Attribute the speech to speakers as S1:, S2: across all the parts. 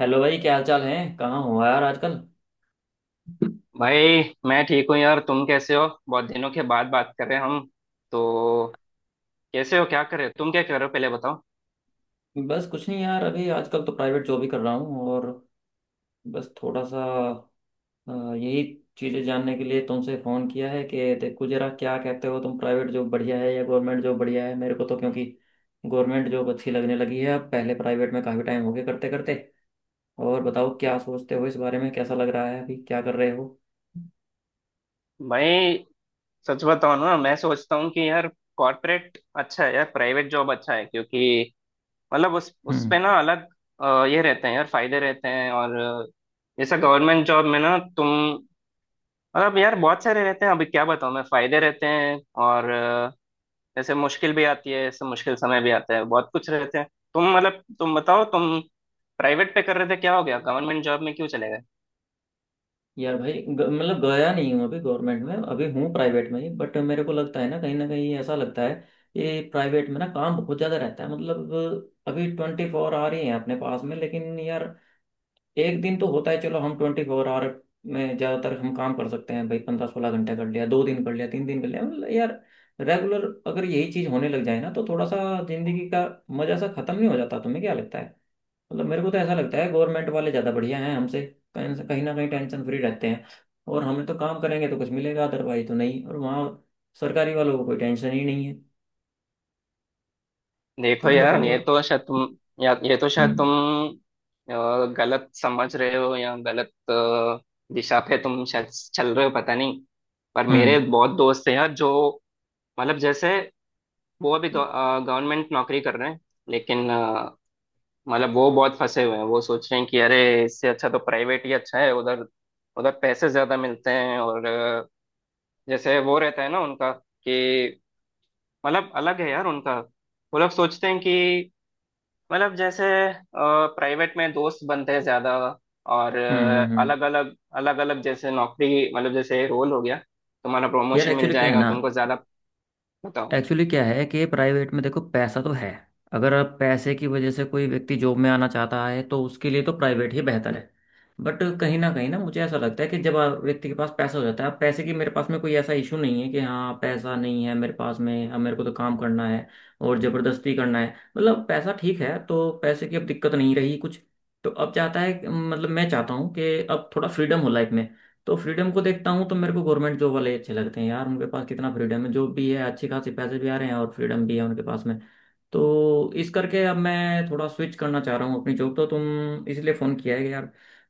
S1: Hello भाई, क्या हाल चाल है। कहाँ हो यार आजकल।
S2: भाई मैं ठीक हूँ यार। तुम कैसे हो? बहुत दिनों के बाद बात कर रहे हैं हम। तो कैसे हो, क्या कर रहे हो? तुम क्या कर रहे हो पहले बताओ।
S1: बस कुछ नहीं यार, अभी आजकल तो प्राइवेट जॉब ही कर रहा हूँ। और बस थोड़ा सा यही चीज़ें जानने के लिए तुमसे फ़ोन किया है कि देखो जरा क्या कहते हो, तुम प्राइवेट जॉब बढ़िया है या गवर्नमेंट जॉब बढ़िया है। मेरे को तो क्योंकि गवर्नमेंट जॉब अच्छी लगने लगी है अब, पहले प्राइवेट में काफ़ी टाइम हो गया करते करते। और बताओ क्या सोचते हो इस बारे में, कैसा लग रहा है अभी, क्या कर रहे हो।
S2: भाई सच बताओ ना, मैं सोचता हूँ कि यार कॉर्पोरेट अच्छा है यार, प्राइवेट जॉब अच्छा है, क्योंकि मतलब उस
S1: हम्म।
S2: पे ना अलग ये रहते हैं यार, फायदे रहते हैं, और जैसा गवर्नमेंट जॉब में ना तुम, मतलब यार बहुत सारे रहते हैं, अभी क्या बताऊँ मैं, फायदे रहते हैं। और जैसे मुश्किल भी आती है, ऐसे मुश्किल समय भी आता है, बहुत कुछ रहते हैं। तुम मतलब तुम बताओ, तुम प्राइवेट पे कर रहे थे, क्या हो गया गवर्नमेंट जॉब में क्यों चले गए?
S1: यार भाई मतलब गया नहीं हूँ अभी गवर्नमेंट में, अभी हूँ प्राइवेट में ही, बट मेरे को लगता है ना, कहीं ना कहीं ऐसा लगता है कि प्राइवेट में ना काम बहुत ज़्यादा रहता है। मतलब अभी ट्वेंटी फोर आवर ही है अपने पास में, लेकिन यार एक दिन तो होता है, चलो हम ट्वेंटी फोर आवर में ज़्यादातर हम काम कर सकते हैं भाई, पंद्रह सोलह घंटे कर लिया, दो दिन कर लिया, तीन दिन कर लिया, मतलब यार रेगुलर अगर यही चीज़ होने लग जाए ना, तो थोड़ा सा जिंदगी का मज़ा सा खत्म नहीं हो जाता, तुम्हें क्या लगता है। मतलब मेरे को तो ऐसा लगता है गवर्नमेंट वाले ज़्यादा बढ़िया हैं हमसे, कहीं कहीं ना कहीं टेंशन फ्री रहते हैं। और हमें तो काम करेंगे तो कुछ मिलेगा, अदरवाइज तो नहीं। और वहाँ सरकारी वालों को कोई टेंशन ही नहीं है।
S2: देखो
S1: तुम
S2: यार
S1: बताओ
S2: ये
S1: और।
S2: तो शायद तुम, या ये तो शायद
S1: हम्म
S2: तुम गलत समझ रहे हो, या गलत दिशा पे तुम शायद चल रहे हो, पता नहीं। पर
S1: हम्म
S2: मेरे बहुत दोस्त हैं यार जो, मतलब जैसे वो अभी गवर्नमेंट नौकरी कर रहे हैं, लेकिन मतलब वो बहुत फंसे हुए हैं। वो सोच रहे हैं कि अरे, इससे अच्छा तो प्राइवेट ही अच्छा है, उधर उधर पैसे ज्यादा मिलते हैं, और जैसे वो रहता है ना उनका, कि मतलब अलग है यार उनका। वो लोग सोचते हैं कि मतलब जैसे प्राइवेट में दोस्त बनते हैं ज्यादा, और
S1: हम्म हम्म हम्म।
S2: अलग अलग अलग अलग जैसे नौकरी, मतलब जैसे रोल हो गया, तुम्हारा
S1: यार
S2: प्रमोशन मिल
S1: एक्चुअली क्या है
S2: जाएगा
S1: ना,
S2: तुमको ज्यादा। बताओ।
S1: एक्चुअली क्या है कि प्राइवेट में देखो पैसा तो है। अगर आप पैसे की वजह से, कोई व्यक्ति जॉब में आना चाहता है तो उसके लिए तो प्राइवेट ही बेहतर है। बट कहीं ना मुझे ऐसा लगता है कि जब व्यक्ति के पास पैसा हो जाता है, अब पैसे की मेरे पास में कोई ऐसा इशू नहीं है कि हाँ पैसा नहीं है मेरे पास में, अब मेरे को तो काम करना है और ज़बरदस्ती करना है। मतलब पैसा ठीक है, तो पैसे की अब दिक्कत नहीं रही कुछ। तो अब चाहता है, मतलब मैं चाहता हूँ कि अब थोड़ा फ्रीडम हो लाइफ में। तो फ्रीडम को देखता हूँ तो मेरे को गवर्नमेंट जॉब वाले ही अच्छे लगते हैं यार, उनके पास कितना फ्रीडम है, जो भी है अच्छी खासी पैसे भी आ रहे हैं और फ्रीडम भी है उनके पास में। तो इस करके अब मैं थोड़ा स्विच करना चाह रहा हूँ अपनी जॉब, तो तुम इसलिए फ़ोन किया है कि यार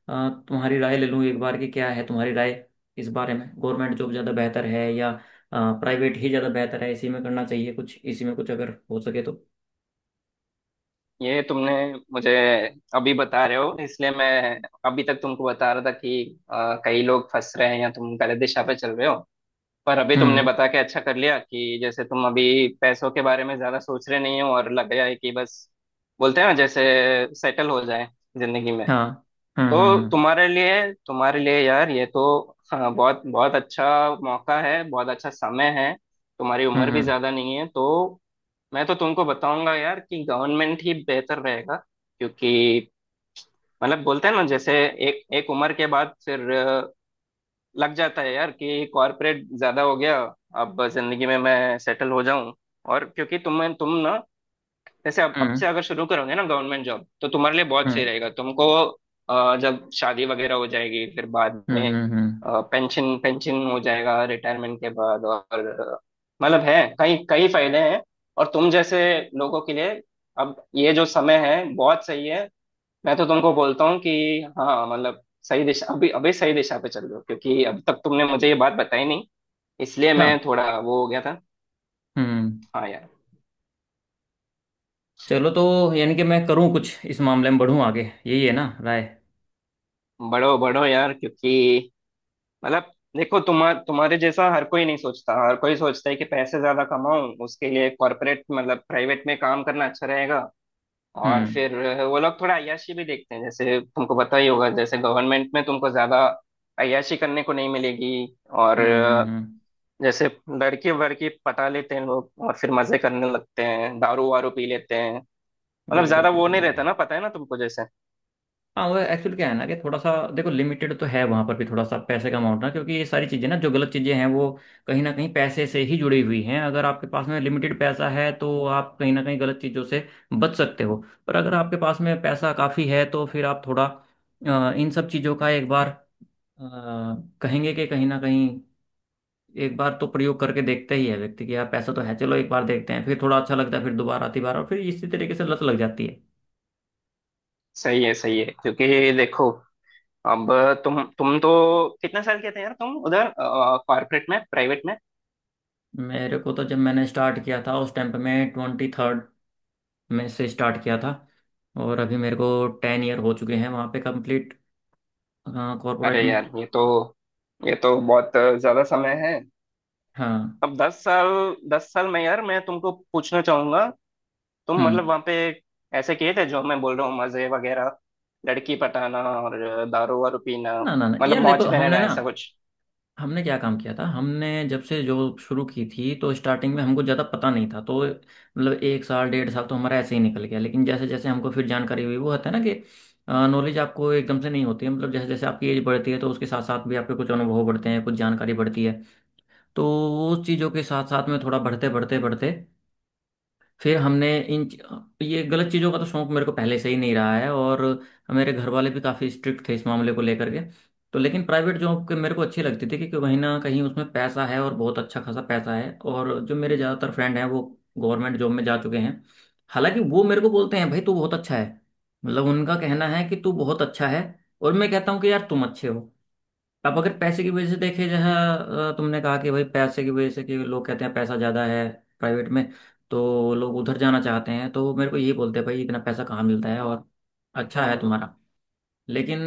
S1: तुम्हारी राय ले लूँ एक बार, कि क्या है तुम्हारी राय इस बारे में, गवर्नमेंट जॉब ज़्यादा बेहतर है या प्राइवेट ही ज़्यादा बेहतर है, इसी में करना चाहिए कुछ, इसी में कुछ अगर हो सके तो।
S2: ये तुमने मुझे अभी बता रहे हो, इसलिए मैं अभी तक तुमको बता रहा था कि कई लोग फंस रहे हैं या तुम गलत दिशा पे चल रहे हो। पर अभी तुमने
S1: हम्म।
S2: बता के अच्छा कर लिया कि जैसे तुम अभी पैसों के बारे में ज्यादा सोच रहे नहीं हो, और लग रहा है कि बस बोलते हैं ना जैसे सेटल हो जाए जिंदगी में।
S1: हाँ।
S2: तो
S1: हम्म।
S2: तुम्हारे लिए, तुम्हारे लिए यार ये तो, हाँ, बहुत बहुत अच्छा मौका है, बहुत अच्छा समय है। तुम्हारी उम्र भी
S1: हम्म
S2: ज्यादा नहीं है, तो मैं तो तुमको बताऊंगा यार कि गवर्नमेंट ही बेहतर रहेगा, क्योंकि मतलब बोलते हैं ना, जैसे एक एक उम्र के बाद फिर लग जाता है यार कि कॉर्पोरेट ज्यादा हो गया, अब जिंदगी में मैं सेटल हो जाऊं। और क्योंकि तुम ना, जैसे अब
S1: हम्म
S2: से अगर शुरू करोगे ना गवर्नमेंट जॉब, तो तुम्हारे लिए बहुत सही
S1: हम्म
S2: रहेगा तुमको। जब शादी वगैरह हो जाएगी फिर बाद में
S1: हम्म।
S2: पेंशन पेंशन हो जाएगा रिटायरमेंट के बाद, और मतलब है कई कई फायदे हैं। और तुम जैसे लोगों के लिए अब ये जो समय है बहुत सही है। मैं तो तुमको बोलता हूँ कि हाँ मतलब सही दिशा, अभी अभी सही दिशा पे चल रहे हो, क्योंकि अभी तक तुमने मुझे ये बात बताई नहीं, इसलिए मैं थोड़ा वो हो गया था।
S1: अच्छा
S2: हाँ यार।
S1: चलो, तो यानी कि मैं करूँ कुछ इस मामले में, बढ़ूँ आगे, यही है ना राय।
S2: बढ़ो बढ़ो यार, क्योंकि मतलब देखो तुम्हारे जैसा हर कोई नहीं सोचता, हर कोई सोचता है कि पैसे ज्यादा कमाऊं, उसके लिए कॉर्पोरेट मतलब प्राइवेट में काम करना अच्छा रहेगा, और
S1: हम्म
S2: फिर वो लोग थोड़ा अय्याशी भी देखते हैं, जैसे तुमको पता ही होगा, जैसे गवर्नमेंट में तुमको ज्यादा अय्याशी करने को नहीं मिलेगी। और
S1: हम्म।
S2: जैसे लड़की वड़की पटा लेते हैं लोग, और फिर मजे करने लगते हैं, दारू वारू पी लेते हैं, मतलब
S1: बिल्कुल
S2: ज्यादा वो
S1: बिल्कुल
S2: नहीं
S1: बिल्कुल।
S2: रहता ना, पता है ना तुमको, जैसे
S1: हाँ वो एक्चुअली क्या है ना, कि थोड़ा सा देखो लिमिटेड तो है वहाँ पर भी थोड़ा सा पैसे का अमाउंट ना, क्योंकि ये सारी चीज़ें ना, जो गलत चीज़ें हैं वो कहीं ना कहीं पैसे से ही जुड़ी हुई हैं। अगर आपके पास में लिमिटेड पैसा है तो आप कहीं ना कहीं गलत चीज़ों से बच सकते हो। पर अगर आपके पास में पैसा काफ़ी है तो फिर आप थोड़ा इन सब चीज़ों का एक बार अ, कहेंगे कि कहीं ना कहीं एक बार तो प्रयोग करके देखता ही है व्यक्ति, कि यार पैसा तो है चलो एक बार देखते हैं, फिर थोड़ा अच्छा लगता है, फिर दोबारा आती बार, और फिर इसी तरीके से लत लग जाती है।
S2: सही है सही है, क्योंकि देखो अब तुम तो, कितने साल के थे यार तुम उधर कॉर्पोरेट में, प्राइवेट में?
S1: मेरे को तो जब मैंने स्टार्ट किया था उस टाइम पे मैं ट्वेंटी थर्ड में से स्टार्ट किया था, और अभी मेरे को टेन ईयर हो चुके हैं वहाँ पे कंप्लीट कॉरपोरेट
S2: अरे
S1: में।
S2: यार ये तो, ये तो बहुत ज्यादा समय है।
S1: हाँ।
S2: अब दस साल, दस साल में यार मैं तुमको पूछना चाहूंगा, तुम मतलब
S1: हम्म।
S2: वहां पे ऐसे किए थे जो मैं बोल रहा हूँ, मजे वगैरह, लड़की पटाना और दारू वारू पीना,
S1: ना ना ना
S2: मतलब
S1: यार देखो,
S2: मौज में
S1: हमने
S2: रहना,
S1: ना,
S2: ऐसा कुछ?
S1: हमने क्या काम किया था, हमने जब से जॉब शुरू की थी तो स्टार्टिंग में हमको ज़्यादा पता नहीं था, तो मतलब एक साल डेढ़ साल तो हमारा ऐसे ही निकल गया। लेकिन जैसे जैसे हमको फिर जानकारी हुई, वो होता है ना कि नॉलेज आपको एकदम से नहीं होती है, मतलब जैसे जैसे आपकी एज बढ़ती है तो उसके साथ साथ भी आपके कुछ अनुभव बढ़ते हैं, कुछ जानकारी बढ़ती है। तो उस चीज़ों के साथ साथ में थोड़ा बढ़ते बढ़ते बढ़ते फिर हमने इन ये गलत चीज़ों का तो शौक मेरे को पहले से ही नहीं रहा है, और मेरे घर वाले भी काफ़ी स्ट्रिक्ट थे इस मामले को लेकर के। तो लेकिन प्राइवेट जॉब के मेरे को अच्छी लगती थी, क्योंकि कहीं ना कहीं उसमें पैसा है और बहुत अच्छा खासा पैसा है। और जो मेरे ज़्यादातर फ्रेंड हैं वो गवर्नमेंट जॉब में जा चुके हैं। हालांकि वो मेरे को बोलते हैं भाई तू बहुत अच्छा है, मतलब उनका कहना है कि तू बहुत अच्छा है। और मैं कहता हूँ कि यार तुम अच्छे हो। अब अगर पैसे की वजह से देखे, जहाँ तुमने कहा कि भाई पैसे की वजह से कि लोग कहते हैं पैसा ज़्यादा है प्राइवेट में, तो लोग उधर जाना चाहते हैं, तो मेरे को यही बोलते हैं भाई इतना पैसा कहाँ मिलता है, और अच्छा है तुम्हारा। लेकिन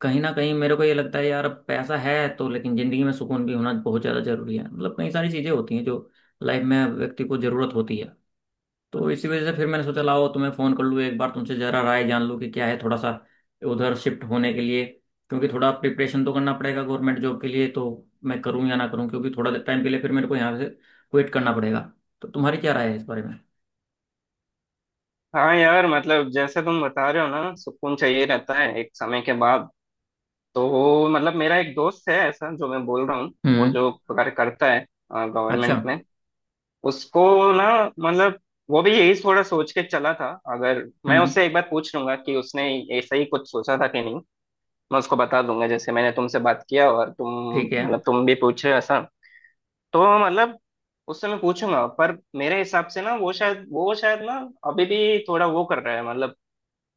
S1: कहीं ना कहीं मेरे को ये लगता है यार, अब पैसा है तो, लेकिन ज़िंदगी में सुकून भी होना बहुत ज़्यादा ज़रूरी है। मतलब कई सारी चीज़ें होती हैं जो लाइफ में व्यक्ति को ज़रूरत होती है। तो इसी वजह से फिर मैंने सोचा लाओ तुम्हें फ़ोन कर लूँ एक बार, तुमसे ज़रा राय जान लूँ कि क्या है, थोड़ा सा उधर शिफ्ट होने के लिए, क्योंकि थोड़ा प्रिपरेशन तो करना पड़ेगा गवर्नमेंट जॉब के लिए। तो मैं करूँ या ना करूँ, क्योंकि थोड़ा टाइम के लिए फिर मेरे को यहाँ से क्विट करना पड़ेगा। तो तुम्हारी क्या राय है इस बारे में।
S2: हाँ यार, मतलब जैसे तुम बता रहे हो ना, सुकून चाहिए रहता है एक समय के बाद, तो मतलब मेरा एक दोस्त है ऐसा जो मैं बोल रहा हूँ, वो
S1: हम्म।
S2: जो कार्य करता है
S1: अच्छा।
S2: गवर्नमेंट में, उसको ना, मतलब वो भी यही थोड़ा सोच के चला था। अगर मैं
S1: हम्म।
S2: उससे एक बार पूछ लूंगा कि उसने ऐसा ही कुछ सोचा था कि नहीं, मैं उसको बता दूंगा जैसे मैंने तुमसे बात किया, और तुम
S1: ठीक है।
S2: मतलब तुम भी पूछ रहे हो ऐसा। तो मतलब उससे मैं पूछूंगा, पर मेरे हिसाब से ना वो शायद, ना अभी भी थोड़ा वो कर रहा है, मतलब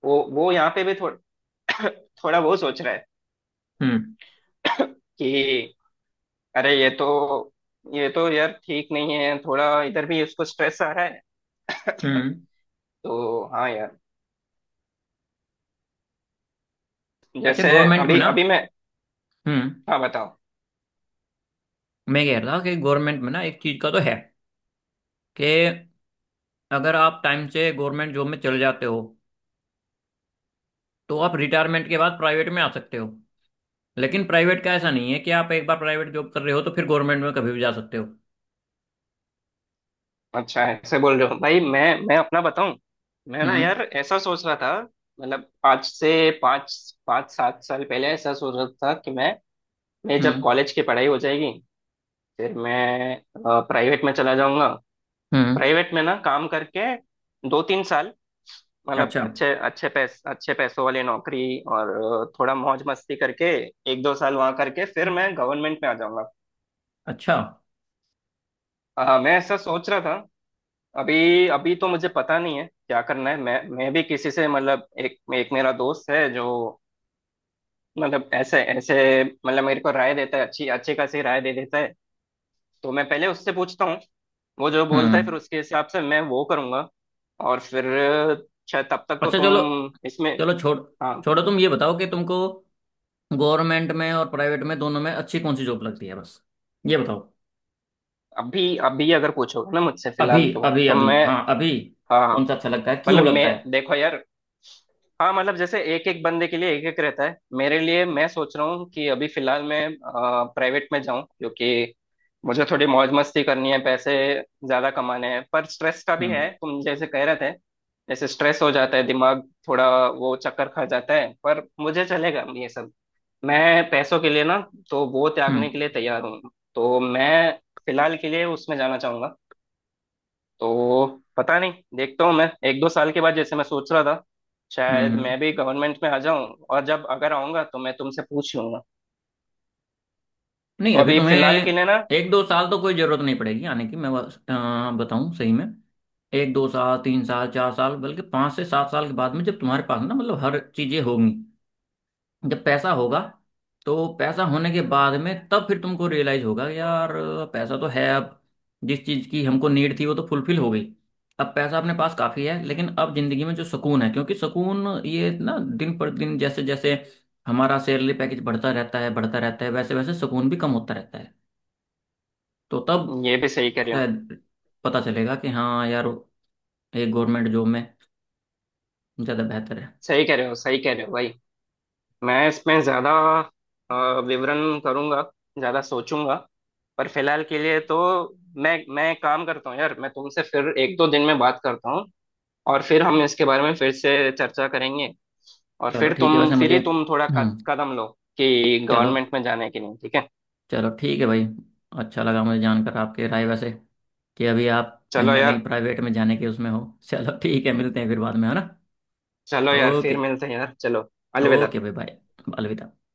S2: वो यहाँ पे भी थोड़ा थोड़ा वो सोच रहा
S1: हम्म
S2: है। अरे ये तो, ये तो यार ठीक नहीं है, थोड़ा इधर भी उसको स्ट्रेस आ रहा है।
S1: हम्म।
S2: तो हाँ यार,
S1: अच्छा
S2: जैसे
S1: गवर्नमेंट में
S2: अभी
S1: ना,
S2: अभी मैं,
S1: हम्म,
S2: हाँ बताओ।
S1: मैं कह रहा था कि गवर्नमेंट में ना एक चीज़ का तो है कि अगर आप टाइम से गवर्नमेंट जॉब में चले जाते हो तो आप रिटायरमेंट के बाद प्राइवेट में आ सकते हो, लेकिन प्राइवेट का ऐसा नहीं है कि आप एक बार प्राइवेट जॉब कर रहे हो तो फिर गवर्नमेंट में कभी भी जा सकते हो।
S2: अच्छा ऐसे बोल रहे हो भाई? मैं अपना बताऊं, मैं ना
S1: हम्म
S2: यार ऐसा सोच रहा था, मतलब आज से पाँच, पाँच सात साल पहले ऐसा सोच रहा था कि मैं जब
S1: हम्म
S2: कॉलेज की पढ़ाई हो जाएगी फिर मैं प्राइवेट में चला जाऊंगा।
S1: हम्म।
S2: प्राइवेट में ना काम करके दो तीन साल, मतलब
S1: अच्छा।
S2: अच्छे अच्छे पैस अच्छे पैसों वाली नौकरी, और थोड़ा मौज मस्ती करके एक दो साल वहां करके फिर मैं गवर्नमेंट में आ जाऊंगा।
S1: अच्छा।
S2: मैं ऐसा सोच रहा था। अभी अभी तो मुझे पता नहीं है क्या करना है। मैं भी किसी से मतलब एक एक मेरा दोस्त है जो मतलब ऐसे ऐसे मतलब मेरे को राय देता है, अच्छी अच्छी खासी राय दे देता है, तो मैं पहले उससे पूछता हूँ, वो जो बोलता है फिर
S1: हम्म।
S2: उसके हिसाब से मैं वो करूंगा। और फिर शायद तब तक तो
S1: अच्छा चलो,
S2: तुम इसमें,
S1: चलो छोड़,
S2: हाँ।
S1: छोड़ो तुम ये बताओ कि तुमको गवर्नमेंट में और प्राइवेट में दोनों में अच्छी कौन सी जॉब लगती है, बस ये बताओ।
S2: अभी अभी अगर पूछोगे ना मुझसे
S1: अभी
S2: फिलहाल, तो
S1: अभी
S2: तो
S1: अभी
S2: मैं,
S1: हाँ, अभी
S2: हाँ
S1: कौन सा अच्छा लगता है,
S2: मतलब
S1: क्यों
S2: मैं,
S1: लगता है।
S2: देखो यार, हाँ मतलब जैसे एक एक बंदे के लिए एक एक रहता है, मेरे लिए मैं सोच रहा हूँ कि अभी फिलहाल मैं प्राइवेट में जाऊँ, क्योंकि मुझे थोड़ी मौज मस्ती करनी है, पैसे ज्यादा कमाने हैं। पर स्ट्रेस का भी
S1: हम्म
S2: है, तुम जैसे कह रहे थे, जैसे स्ट्रेस हो जाता है, दिमाग थोड़ा वो चक्कर खा जाता है, पर मुझे चलेगा ये सब। मैं पैसों के लिए ना तो वो त्यागने
S1: हम्म
S2: के लिए तैयार हूँ, तो मैं फिलहाल के लिए उसमें जाना चाहूंगा। तो पता नहीं, देखता हूँ मैं एक दो साल के बाद, जैसे मैं सोच रहा था, शायद
S1: हम्म।
S2: मैं भी गवर्नमेंट में आ जाऊं, और जब अगर आऊंगा तो मैं तुमसे पूछ लूंगा।
S1: नहीं
S2: तो
S1: अभी
S2: अभी
S1: तुम्हें
S2: फिलहाल के लिए ना,
S1: एक दो साल तो कोई जरूरत नहीं पड़ेगी आने की। मैं बस, बताऊं सही में, एक दो साल, तीन साल, चार साल, बल्कि पाँच से सात साल के बाद में, जब तुम्हारे पास ना मतलब हर चीजें होंगी, जब पैसा होगा, तो पैसा होने के बाद में तब फिर तुमको रियलाइज होगा कि यार पैसा तो है अब, जिस चीज की हमको नीड थी वो तो फुलफिल हो गई, अब पैसा अपने पास काफी है, लेकिन अब जिंदगी में जो सुकून है, क्योंकि सुकून ये ना, दिन पर दिन जैसे जैसे हमारा सैलरी पैकेज बढ़ता रहता है बढ़ता रहता है, वैसे वैसे सुकून भी कम होता रहता है। तो तब
S2: ये भी सही कह रहे हो।
S1: शायद पता चलेगा कि हाँ यार, एक गवर्नमेंट जॉब में ज़्यादा बेहतर है।
S2: सही कह रहे हो, सही कह रहे हो भाई। मैं इसमें ज्यादा विवरण करूंगा, ज्यादा सोचूंगा। पर फिलहाल के लिए तो मैं काम करता हूँ यार, मैं तुमसे फिर एक दो दिन में बात करता हूँ, और फिर हम इसके बारे में फिर से चर्चा करेंगे, और
S1: चलो
S2: फिर
S1: ठीक है,
S2: तुम
S1: वैसे
S2: फिर
S1: मुझे,
S2: ही तुम थोड़ा
S1: हम्म,
S2: कदम लो कि
S1: चलो
S2: गवर्नमेंट में जाने के लिए ठीक है।
S1: चलो ठीक है भाई। अच्छा लगा मुझे जानकर आपके राय, वैसे कि अभी आप कहीं
S2: चलो
S1: ना कहीं
S2: यार।
S1: प्राइवेट में जाने के उसमें हो। चलो ठीक है, मिलते हैं फिर बाद में, है ना।
S2: चलो यार,
S1: ओके।
S2: फिर मिलते हैं यार। चलो। अलविदा।
S1: ओके भाई बाय। अलविदा।